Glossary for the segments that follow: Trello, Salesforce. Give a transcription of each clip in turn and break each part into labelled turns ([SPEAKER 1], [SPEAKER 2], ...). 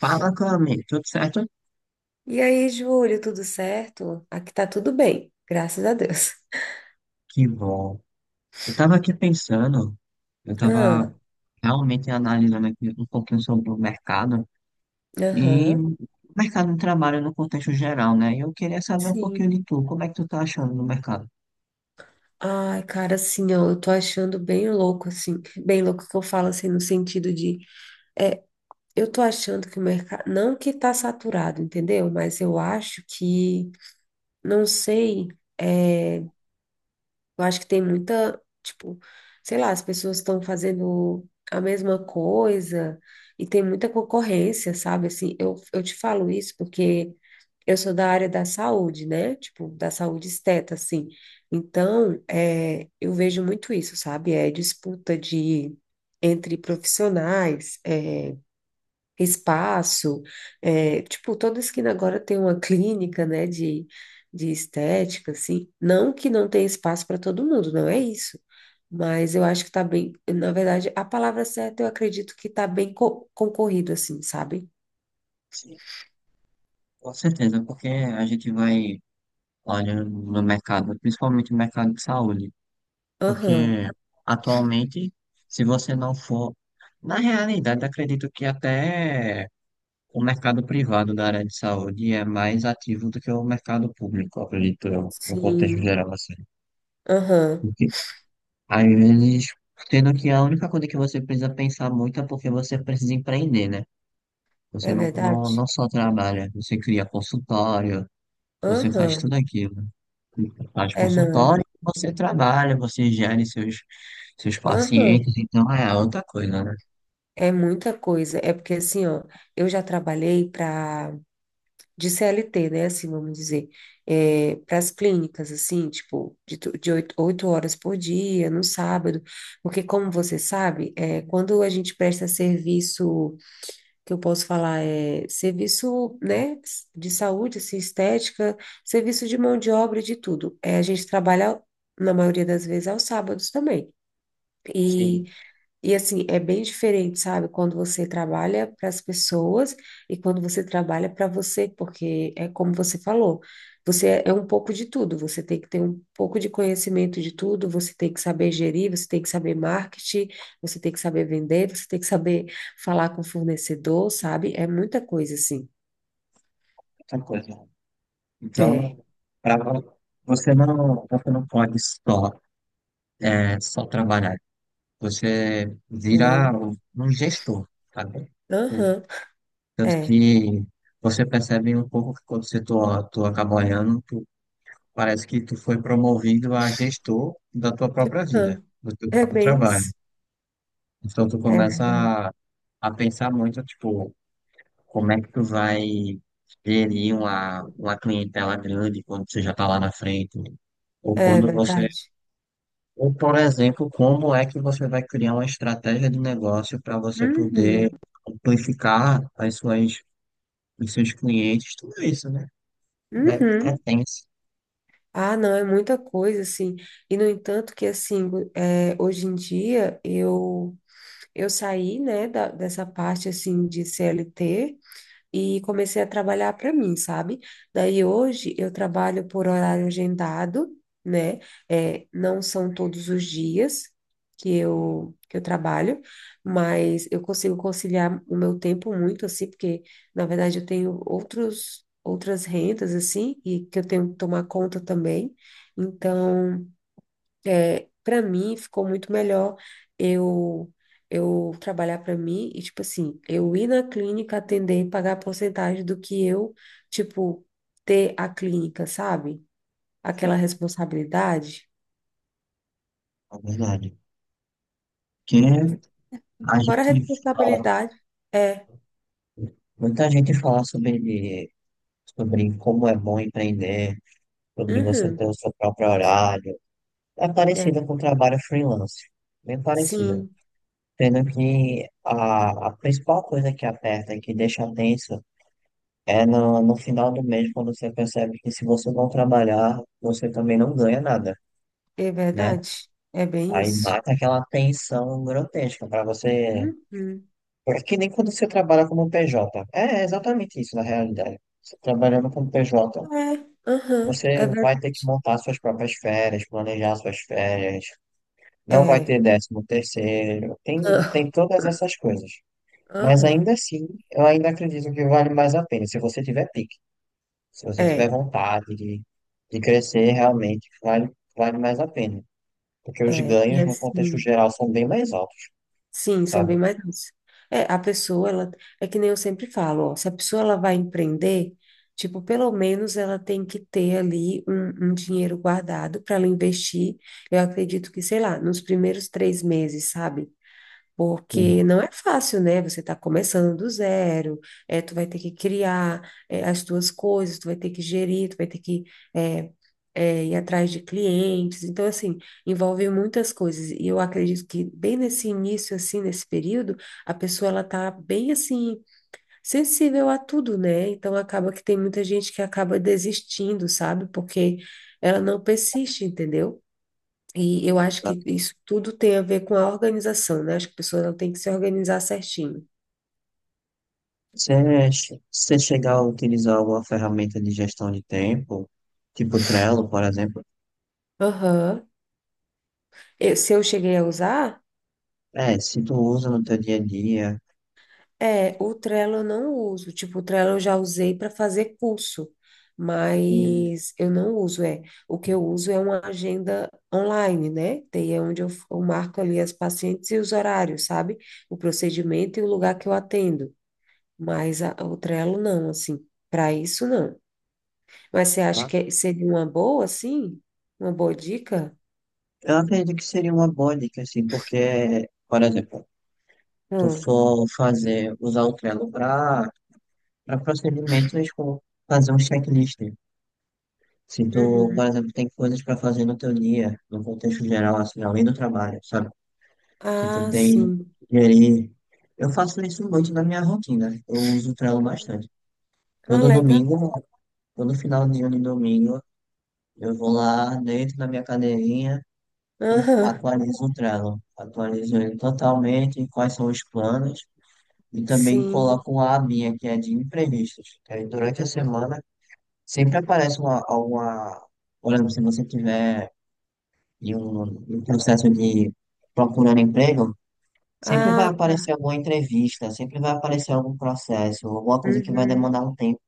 [SPEAKER 1] Fala, Cami, tudo certo?
[SPEAKER 2] E aí, Júlio, tudo certo? Aqui tá tudo bem, graças a Deus.
[SPEAKER 1] Que bom. Eu estava aqui pensando, eu estava
[SPEAKER 2] Ah,
[SPEAKER 1] realmente analisando aqui um pouquinho sobre o mercado e
[SPEAKER 2] aham,
[SPEAKER 1] o mercado de trabalho no contexto geral, né? E eu queria saber um pouquinho
[SPEAKER 2] sim.
[SPEAKER 1] de tu, como é que tu tá achando no mercado?
[SPEAKER 2] Ai, cara, assim, ó, eu tô achando bem louco, assim, bem louco que eu falo, assim, no sentido de, é, eu tô achando que o mercado, não que tá saturado, entendeu? Mas eu acho que, não sei, eu acho que tem muita, tipo, sei lá, as pessoas estão fazendo a mesma coisa e tem muita concorrência, sabe? Assim, eu te falo isso porque eu sou da área da saúde, né? Tipo, da saúde esteta, assim. Então, eu vejo muito isso, sabe? É disputa de entre profissionais, espaço, tipo, toda esquina agora tem uma clínica, né, de, estética, assim. Não que não tenha espaço para todo mundo, não é isso. Mas eu acho que tá bem, na verdade, a palavra certa eu acredito que tá bem concorrido, assim, sabe?
[SPEAKER 1] Sim, com certeza, porque a gente vai olhando no mercado, principalmente no mercado de saúde, porque
[SPEAKER 2] Aham,
[SPEAKER 1] atualmente, se você não for, na realidade, acredito que até. O mercado privado da área de saúde é mais ativo do que o mercado público, acredito eu, no contexto
[SPEAKER 2] sim,
[SPEAKER 1] geral, assim.
[SPEAKER 2] aham.
[SPEAKER 1] Porque, às vezes, sendo que a única coisa que você precisa pensar muito é porque você precisa empreender, né? Você
[SPEAKER 2] É
[SPEAKER 1] não,
[SPEAKER 2] verdade?
[SPEAKER 1] não, não só trabalha, você cria consultório, você faz
[SPEAKER 2] Aham.
[SPEAKER 1] tudo aquilo. Faz
[SPEAKER 2] É, não. É.
[SPEAKER 1] consultório, você trabalha, você gere seus
[SPEAKER 2] Aham.
[SPEAKER 1] pacientes, então é outra coisa, né?
[SPEAKER 2] É muita coisa. É porque, assim, ó, eu já trabalhei para, de CLT, né, assim, vamos dizer, para as clínicas, assim, tipo, de, de oito horas por dia, no sábado. Porque, como você sabe, quando a gente presta serviço, que eu posso falar, é serviço, né, de saúde, assim, estética, serviço de mão de obra, e de tudo. É, a gente trabalha, na maioria das vezes, aos sábados também.
[SPEAKER 1] Sim,
[SPEAKER 2] E E assim, é bem diferente, sabe? Quando você trabalha para as pessoas e quando você trabalha para você, porque é como você falou, você é um pouco de tudo, você tem que ter um pouco de conhecimento de tudo, você tem que saber gerir, você tem que saber marketing, você tem que saber vender, você tem que saber falar com o fornecedor, sabe? É muita coisa assim.
[SPEAKER 1] outra coisa.
[SPEAKER 2] É.
[SPEAKER 1] Então, para você não pode só só trabalhar. Você vira
[SPEAKER 2] Não.
[SPEAKER 1] um gestor, sabe? É,
[SPEAKER 2] Aham.
[SPEAKER 1] tanto
[SPEAKER 2] É.
[SPEAKER 1] que você percebe um pouco que quando tu acaba olhando, tu, parece que tu foi promovido a gestor da tua própria vida,
[SPEAKER 2] Aham.
[SPEAKER 1] do teu
[SPEAKER 2] É
[SPEAKER 1] próprio
[SPEAKER 2] bem
[SPEAKER 1] trabalho.
[SPEAKER 2] isso.
[SPEAKER 1] Então tu
[SPEAKER 2] É
[SPEAKER 1] começa
[SPEAKER 2] verdade.
[SPEAKER 1] a, a pensar muito, tipo, como é que tu vai gerir uma clientela grande quando você já tá lá na frente, ou
[SPEAKER 2] É
[SPEAKER 1] quando você.
[SPEAKER 2] verdade.
[SPEAKER 1] Ou, por exemplo, como é que você vai criar uma estratégia de negócio para você poder
[SPEAKER 2] Uhum.
[SPEAKER 1] amplificar os seus clientes, tudo isso, né? É
[SPEAKER 2] Uhum.
[SPEAKER 1] tenso,
[SPEAKER 2] Ah, não, é muita coisa, assim. E, no entanto, que, assim, é, hoje em dia, eu saí, né, da, dessa parte, assim, de CLT e comecei a trabalhar para mim, sabe? Daí hoje eu trabalho por horário agendado, né? É, não são todos os dias que eu trabalho, mas eu consigo conciliar o meu tempo muito, assim, porque na verdade eu tenho outros, outras rendas, assim, e que eu tenho que tomar conta também. Então. É, para mim ficou muito melhor eu eu trabalhar para mim e tipo assim, eu ir na clínica atender e pagar a porcentagem do que eu, tipo, ter a clínica, sabe? Aquela responsabilidade.
[SPEAKER 1] na verdade. Que a
[SPEAKER 2] Fora a
[SPEAKER 1] gente fala,
[SPEAKER 2] responsabilidade, é,
[SPEAKER 1] muita gente fala sobre como é bom empreender, sobre você
[SPEAKER 2] uhum,
[SPEAKER 1] ter o seu próprio horário. É
[SPEAKER 2] é,
[SPEAKER 1] parecido com o trabalho freelance, bem parecido.
[SPEAKER 2] sim,
[SPEAKER 1] Sendo que a principal coisa que aperta, que deixa tenso, é no final do mês quando você percebe que se você não trabalhar, você também não ganha nada,
[SPEAKER 2] é
[SPEAKER 1] né?
[SPEAKER 2] verdade. É bem
[SPEAKER 1] Aí
[SPEAKER 2] isso.
[SPEAKER 1] bate aquela tensão grotesca para você.
[SPEAKER 2] Uhum.
[SPEAKER 1] É que nem quando você trabalha como PJ. É exatamente isso na realidade. Você trabalhando como PJ,
[SPEAKER 2] É, aham,
[SPEAKER 1] você
[SPEAKER 2] é
[SPEAKER 1] vai
[SPEAKER 2] verdade.
[SPEAKER 1] ter que montar suas próprias férias, planejar suas férias, não vai
[SPEAKER 2] É,
[SPEAKER 1] ter décimo terceiro, tem todas essas coisas. Mas
[SPEAKER 2] aham,
[SPEAKER 1] ainda assim, eu ainda acredito que vale mais a pena se você tiver pique. Se você tiver
[SPEAKER 2] é,
[SPEAKER 1] vontade de crescer, realmente vale mais a pena. Porque os
[SPEAKER 2] e
[SPEAKER 1] ganhos, no contexto
[SPEAKER 2] assim.
[SPEAKER 1] geral, são bem mais altos,
[SPEAKER 2] Sim, são bem
[SPEAKER 1] sabe?
[SPEAKER 2] mais densos. É, a pessoa, ela, é que nem eu sempre falo, ó, se a pessoa ela vai empreender, tipo, pelo menos ela tem que ter ali um, um dinheiro guardado para ela investir. Eu acredito que, sei lá, nos primeiros 3 meses, sabe?
[SPEAKER 1] Sim.
[SPEAKER 2] Porque não é fácil, né? Você está começando do zero, é, tu vai ter que criar, é, as tuas coisas, tu vai ter que gerir, tu vai ter que é, ir atrás de clientes. Então, assim, envolve muitas coisas. E eu acredito que bem nesse início, assim, nesse período, a pessoa, ela tá bem, assim, sensível a tudo, né? Então, acaba que tem muita gente que acaba desistindo, sabe? Porque ela não persiste, entendeu? E eu acho que
[SPEAKER 1] Exato.
[SPEAKER 2] isso tudo tem a ver com a organização, né? Acho que a pessoa ela tem que se organizar certinho.
[SPEAKER 1] Se você chegar a utilizar alguma ferramenta de gestão de tempo, tipo Trello, por exemplo,
[SPEAKER 2] Aham. Se eu cheguei a usar,
[SPEAKER 1] é, se tu usa no teu dia a dia,
[SPEAKER 2] é, o Trello eu não uso. Tipo, o Trello eu já usei para fazer curso,
[SPEAKER 1] hum,
[SPEAKER 2] mas eu não uso, é. O que eu uso é uma agenda online, né? Daí é onde eu, eu marco ali as pacientes e os horários, sabe? O procedimento e o lugar que eu atendo. Mas o Trello não, assim, para isso não. Mas você acha
[SPEAKER 1] tá?
[SPEAKER 2] que seria uma boa, sim? Uma boa dica?
[SPEAKER 1] Eu acredito que seria uma boa dica, assim, porque, por exemplo, tu
[SPEAKER 2] Hum.
[SPEAKER 1] for fazer, usar o Trello para procedimentos como fazer um checklist. Se tu, por
[SPEAKER 2] Uhum.
[SPEAKER 1] exemplo, tem coisas para fazer no teu dia, no contexto geral, assim, além do trabalho, sabe? Se tu
[SPEAKER 2] Ah,
[SPEAKER 1] tem
[SPEAKER 2] sim.
[SPEAKER 1] gerir. Eu faço isso muito na minha rotina. Eu uso o Trello bastante.
[SPEAKER 2] Ah,
[SPEAKER 1] Todo
[SPEAKER 2] legal.
[SPEAKER 1] domingo, todo final de ano e domingo, eu vou lá dentro da minha cadeirinha e
[SPEAKER 2] Aham.
[SPEAKER 1] atualizo o Trello. Atualizo ele totalmente, quais são os planos. E também
[SPEAKER 2] Sim.
[SPEAKER 1] coloco uma abinha que é de imprevistos. Que aí durante a semana sempre aparece alguma. Por exemplo, se você tiver e o, e o processo de procurando emprego, sempre vai
[SPEAKER 2] Ah,
[SPEAKER 1] aparecer
[SPEAKER 2] tá.
[SPEAKER 1] alguma entrevista, sempre vai aparecer algum processo, alguma coisa que vai
[SPEAKER 2] Uhum.
[SPEAKER 1] demandar um tempo.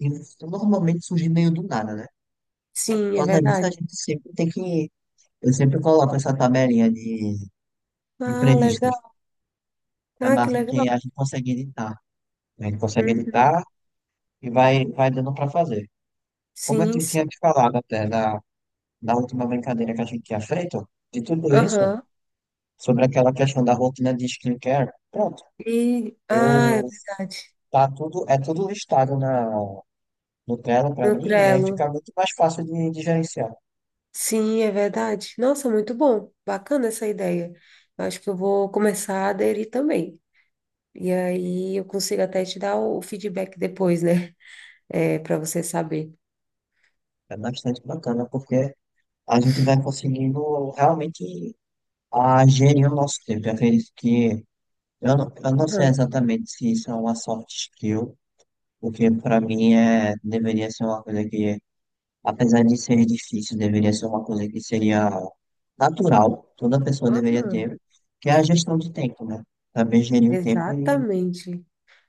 [SPEAKER 1] E isso normalmente surge meio do nada, né? Mas por
[SPEAKER 2] Sim, é
[SPEAKER 1] causa disso, a
[SPEAKER 2] verdade.
[SPEAKER 1] gente sempre tem que. Eu sempre coloco essa tabelinha de
[SPEAKER 2] Ah,
[SPEAKER 1] imprevistos.
[SPEAKER 2] legal.
[SPEAKER 1] É
[SPEAKER 2] Ah, que
[SPEAKER 1] massa, porque
[SPEAKER 2] legal.
[SPEAKER 1] a gente consegue editar, né? A gente consegue
[SPEAKER 2] Uhum.
[SPEAKER 1] editar e vai, vai dando para fazer. Como eu
[SPEAKER 2] Sim,
[SPEAKER 1] te
[SPEAKER 2] sim.
[SPEAKER 1] tinha te falado até na última brincadeira que a gente tinha feito, de tudo isso,
[SPEAKER 2] Aham.
[SPEAKER 1] sobre aquela questão da rotina de skincare, pronto.
[SPEAKER 2] E, ah, é
[SPEAKER 1] Eu
[SPEAKER 2] verdade.
[SPEAKER 1] tá tudo, é tudo listado na no Trello para
[SPEAKER 2] No
[SPEAKER 1] mim, e aí
[SPEAKER 2] Trello.
[SPEAKER 1] fica muito mais fácil de gerenciar.
[SPEAKER 2] Sim, é verdade. Nossa, muito bom. Bacana essa ideia. Eu acho que eu vou começar a aderir também. E aí eu consigo até te dar o feedback depois, né? É, para você saber.
[SPEAKER 1] É bastante bacana, porque a gente vai conseguindo realmente a gerir o nosso tempo. Eu acredito que eu não sei
[SPEAKER 2] Aham,
[SPEAKER 1] exatamente se isso é uma soft skill, porque para mim é deveria ser uma coisa que, apesar de ser difícil, deveria ser uma coisa que seria natural, toda pessoa deveria
[SPEAKER 2] aham.
[SPEAKER 1] ter, que é a gestão de tempo, né? Saber gerir o tempo e
[SPEAKER 2] Exatamente.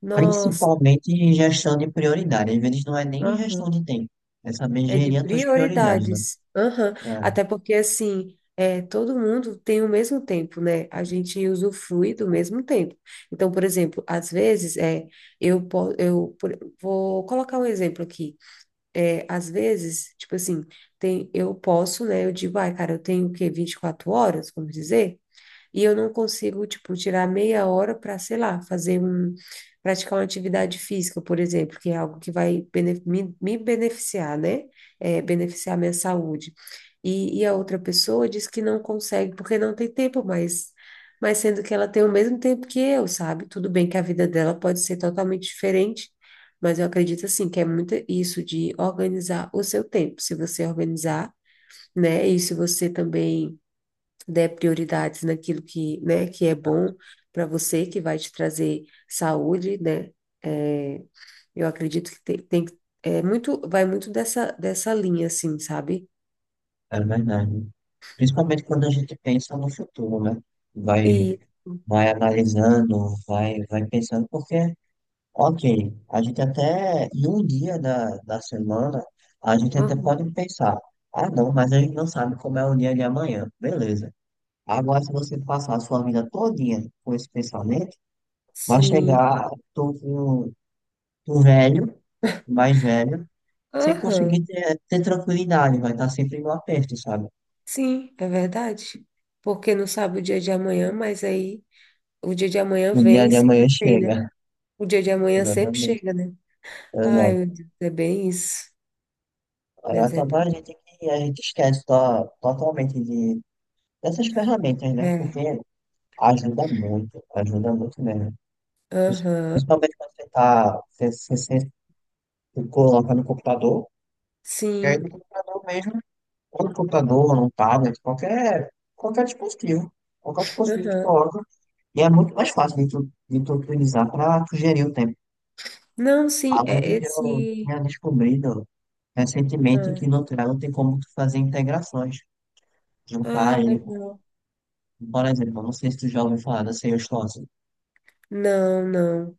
[SPEAKER 2] Nossa,
[SPEAKER 1] principalmente em gestão de prioridade. Às vezes não é nem gestão
[SPEAKER 2] aham.
[SPEAKER 1] de tempo. É saber
[SPEAKER 2] É de
[SPEAKER 1] gerir as tuas prioridades, né?
[SPEAKER 2] prioridades. Aham.
[SPEAKER 1] É,
[SPEAKER 2] Até porque, assim, é, todo mundo tem o mesmo tempo, né? A gente usufrui do mesmo tempo. Então, por exemplo, às vezes, é, eu, po- eu por- vou colocar um exemplo aqui. É, às vezes, tipo assim, tem, eu posso, né? Eu digo, ai, cara, eu tenho o quê? 24 horas, vamos dizer? E eu não consigo, tipo, tirar meia hora para, sei lá, fazer um praticar uma atividade física, por exemplo, que é algo que vai me beneficiar, né? É, beneficiar minha saúde. E a outra pessoa diz que não consegue porque não tem tempo, mas sendo que ela tem o mesmo tempo que eu, sabe? Tudo bem que a vida dela pode ser totalmente diferente, mas eu acredito assim que é muito isso de organizar o seu tempo. Se você organizar, né? E se você também dê prioridades naquilo que, né, que é
[SPEAKER 1] tá,
[SPEAKER 2] bom para você, que vai te trazer saúde, né? É, eu acredito que é muito, vai muito dessa, dessa linha, assim, sabe?
[SPEAKER 1] é verdade. Principalmente quando a gente pensa no futuro, né? Vai,
[SPEAKER 2] E,
[SPEAKER 1] vai analisando, vai, vai pensando, porque, ok, a gente até, em um dia da semana, a gente até
[SPEAKER 2] aham,
[SPEAKER 1] pode pensar, ah, não, mas a gente não sabe como é o dia de amanhã. Beleza. Agora, se você passar a sua vida todinha com esse pensamento, vai
[SPEAKER 2] sim,
[SPEAKER 1] chegar, tô com o velho, o mais velho, sem
[SPEAKER 2] aham,
[SPEAKER 1] conseguir ter, tranquilidade, vai estar sempre no aperto, sabe?
[SPEAKER 2] sim, é verdade. Porque não sabe o dia de amanhã, mas aí o dia de amanhã
[SPEAKER 1] O dia
[SPEAKER 2] vem e
[SPEAKER 1] de
[SPEAKER 2] sempre
[SPEAKER 1] amanhã
[SPEAKER 2] tem, né?
[SPEAKER 1] chega.
[SPEAKER 2] O dia de amanhã sempre
[SPEAKER 1] Exatamente.
[SPEAKER 2] chega, né? Ai,
[SPEAKER 1] Exato.
[SPEAKER 2] meu Deus, é bem isso.
[SPEAKER 1] Aí
[SPEAKER 2] Mas é
[SPEAKER 1] acaba a
[SPEAKER 2] bem.
[SPEAKER 1] gente que a gente esquece totalmente de, dessas ferramentas, né?
[SPEAKER 2] É.
[SPEAKER 1] Porque ajuda muito mesmo. Pris-
[SPEAKER 2] Aham,
[SPEAKER 1] Principalmente quando você tá, você, você, você coloca no computador, e aí
[SPEAKER 2] sim.
[SPEAKER 1] no computador mesmo, ou no computador, ou no tablet, qualquer dispositivo. Qualquer dispositivo que tu
[SPEAKER 2] Aham.
[SPEAKER 1] coloca. E é muito mais fácil de tu utilizar para tu gerir o tempo.
[SPEAKER 2] Não, sim,
[SPEAKER 1] Além
[SPEAKER 2] é
[SPEAKER 1] de que eu
[SPEAKER 2] esse.
[SPEAKER 1] tinha descobrido recentemente que
[SPEAKER 2] Ah,
[SPEAKER 1] no Trello tem como tu fazer integrações, juntar
[SPEAKER 2] ah,
[SPEAKER 1] ele com,
[SPEAKER 2] legal.
[SPEAKER 1] por exemplo, eu não sei se tu já ouviu falar da Salesforce.
[SPEAKER 2] Não, não.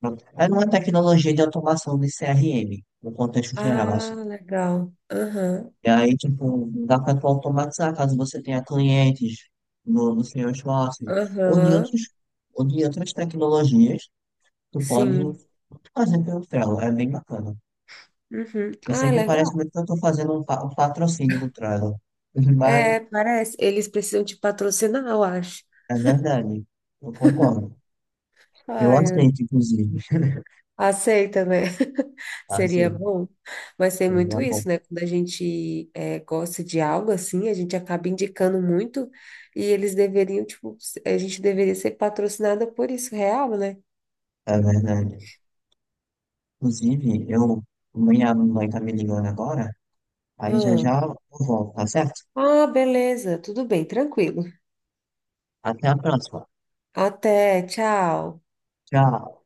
[SPEAKER 1] Pronto. É uma tecnologia de automação de CRM, no contexto geral,
[SPEAKER 2] Ah,
[SPEAKER 1] assim.
[SPEAKER 2] legal. Aham,
[SPEAKER 1] E aí, tipo, dá para tu automatizar caso você tenha clientes no Salesforce ou de
[SPEAKER 2] aham,
[SPEAKER 1] outros, ou de outras tecnologias, tu pode
[SPEAKER 2] sim.
[SPEAKER 1] fazer pelo Trello, é bem bacana.
[SPEAKER 2] Uhum.
[SPEAKER 1] Eu sei
[SPEAKER 2] Ah,
[SPEAKER 1] que
[SPEAKER 2] legal.
[SPEAKER 1] parece muito que eu estou fazendo um patrocínio do Trello, mas
[SPEAKER 2] É, parece. Eles precisam te patrocinar, eu acho.
[SPEAKER 1] é verdade, eu concordo. Eu
[SPEAKER 2] Ai, eu-
[SPEAKER 1] aceito, inclusive.
[SPEAKER 2] Aceita, né?
[SPEAKER 1] Tá?
[SPEAKER 2] Seria
[SPEAKER 1] Assim
[SPEAKER 2] bom. Mas tem
[SPEAKER 1] então
[SPEAKER 2] muito
[SPEAKER 1] é bom.
[SPEAKER 2] isso, né? Quando a gente é, gosta de algo assim, a gente acaba indicando muito e eles deveriam, tipo, a gente deveria ser patrocinada por isso, real, né?
[SPEAKER 1] É verdade. Inclusive, eu, minha mãe tá me ligando agora, aí já
[SPEAKER 2] Ah.
[SPEAKER 1] já eu volto, tá certo?
[SPEAKER 2] Ah, beleza, tudo bem, tranquilo.
[SPEAKER 1] Até a próxima.
[SPEAKER 2] Até, tchau.
[SPEAKER 1] Tchau.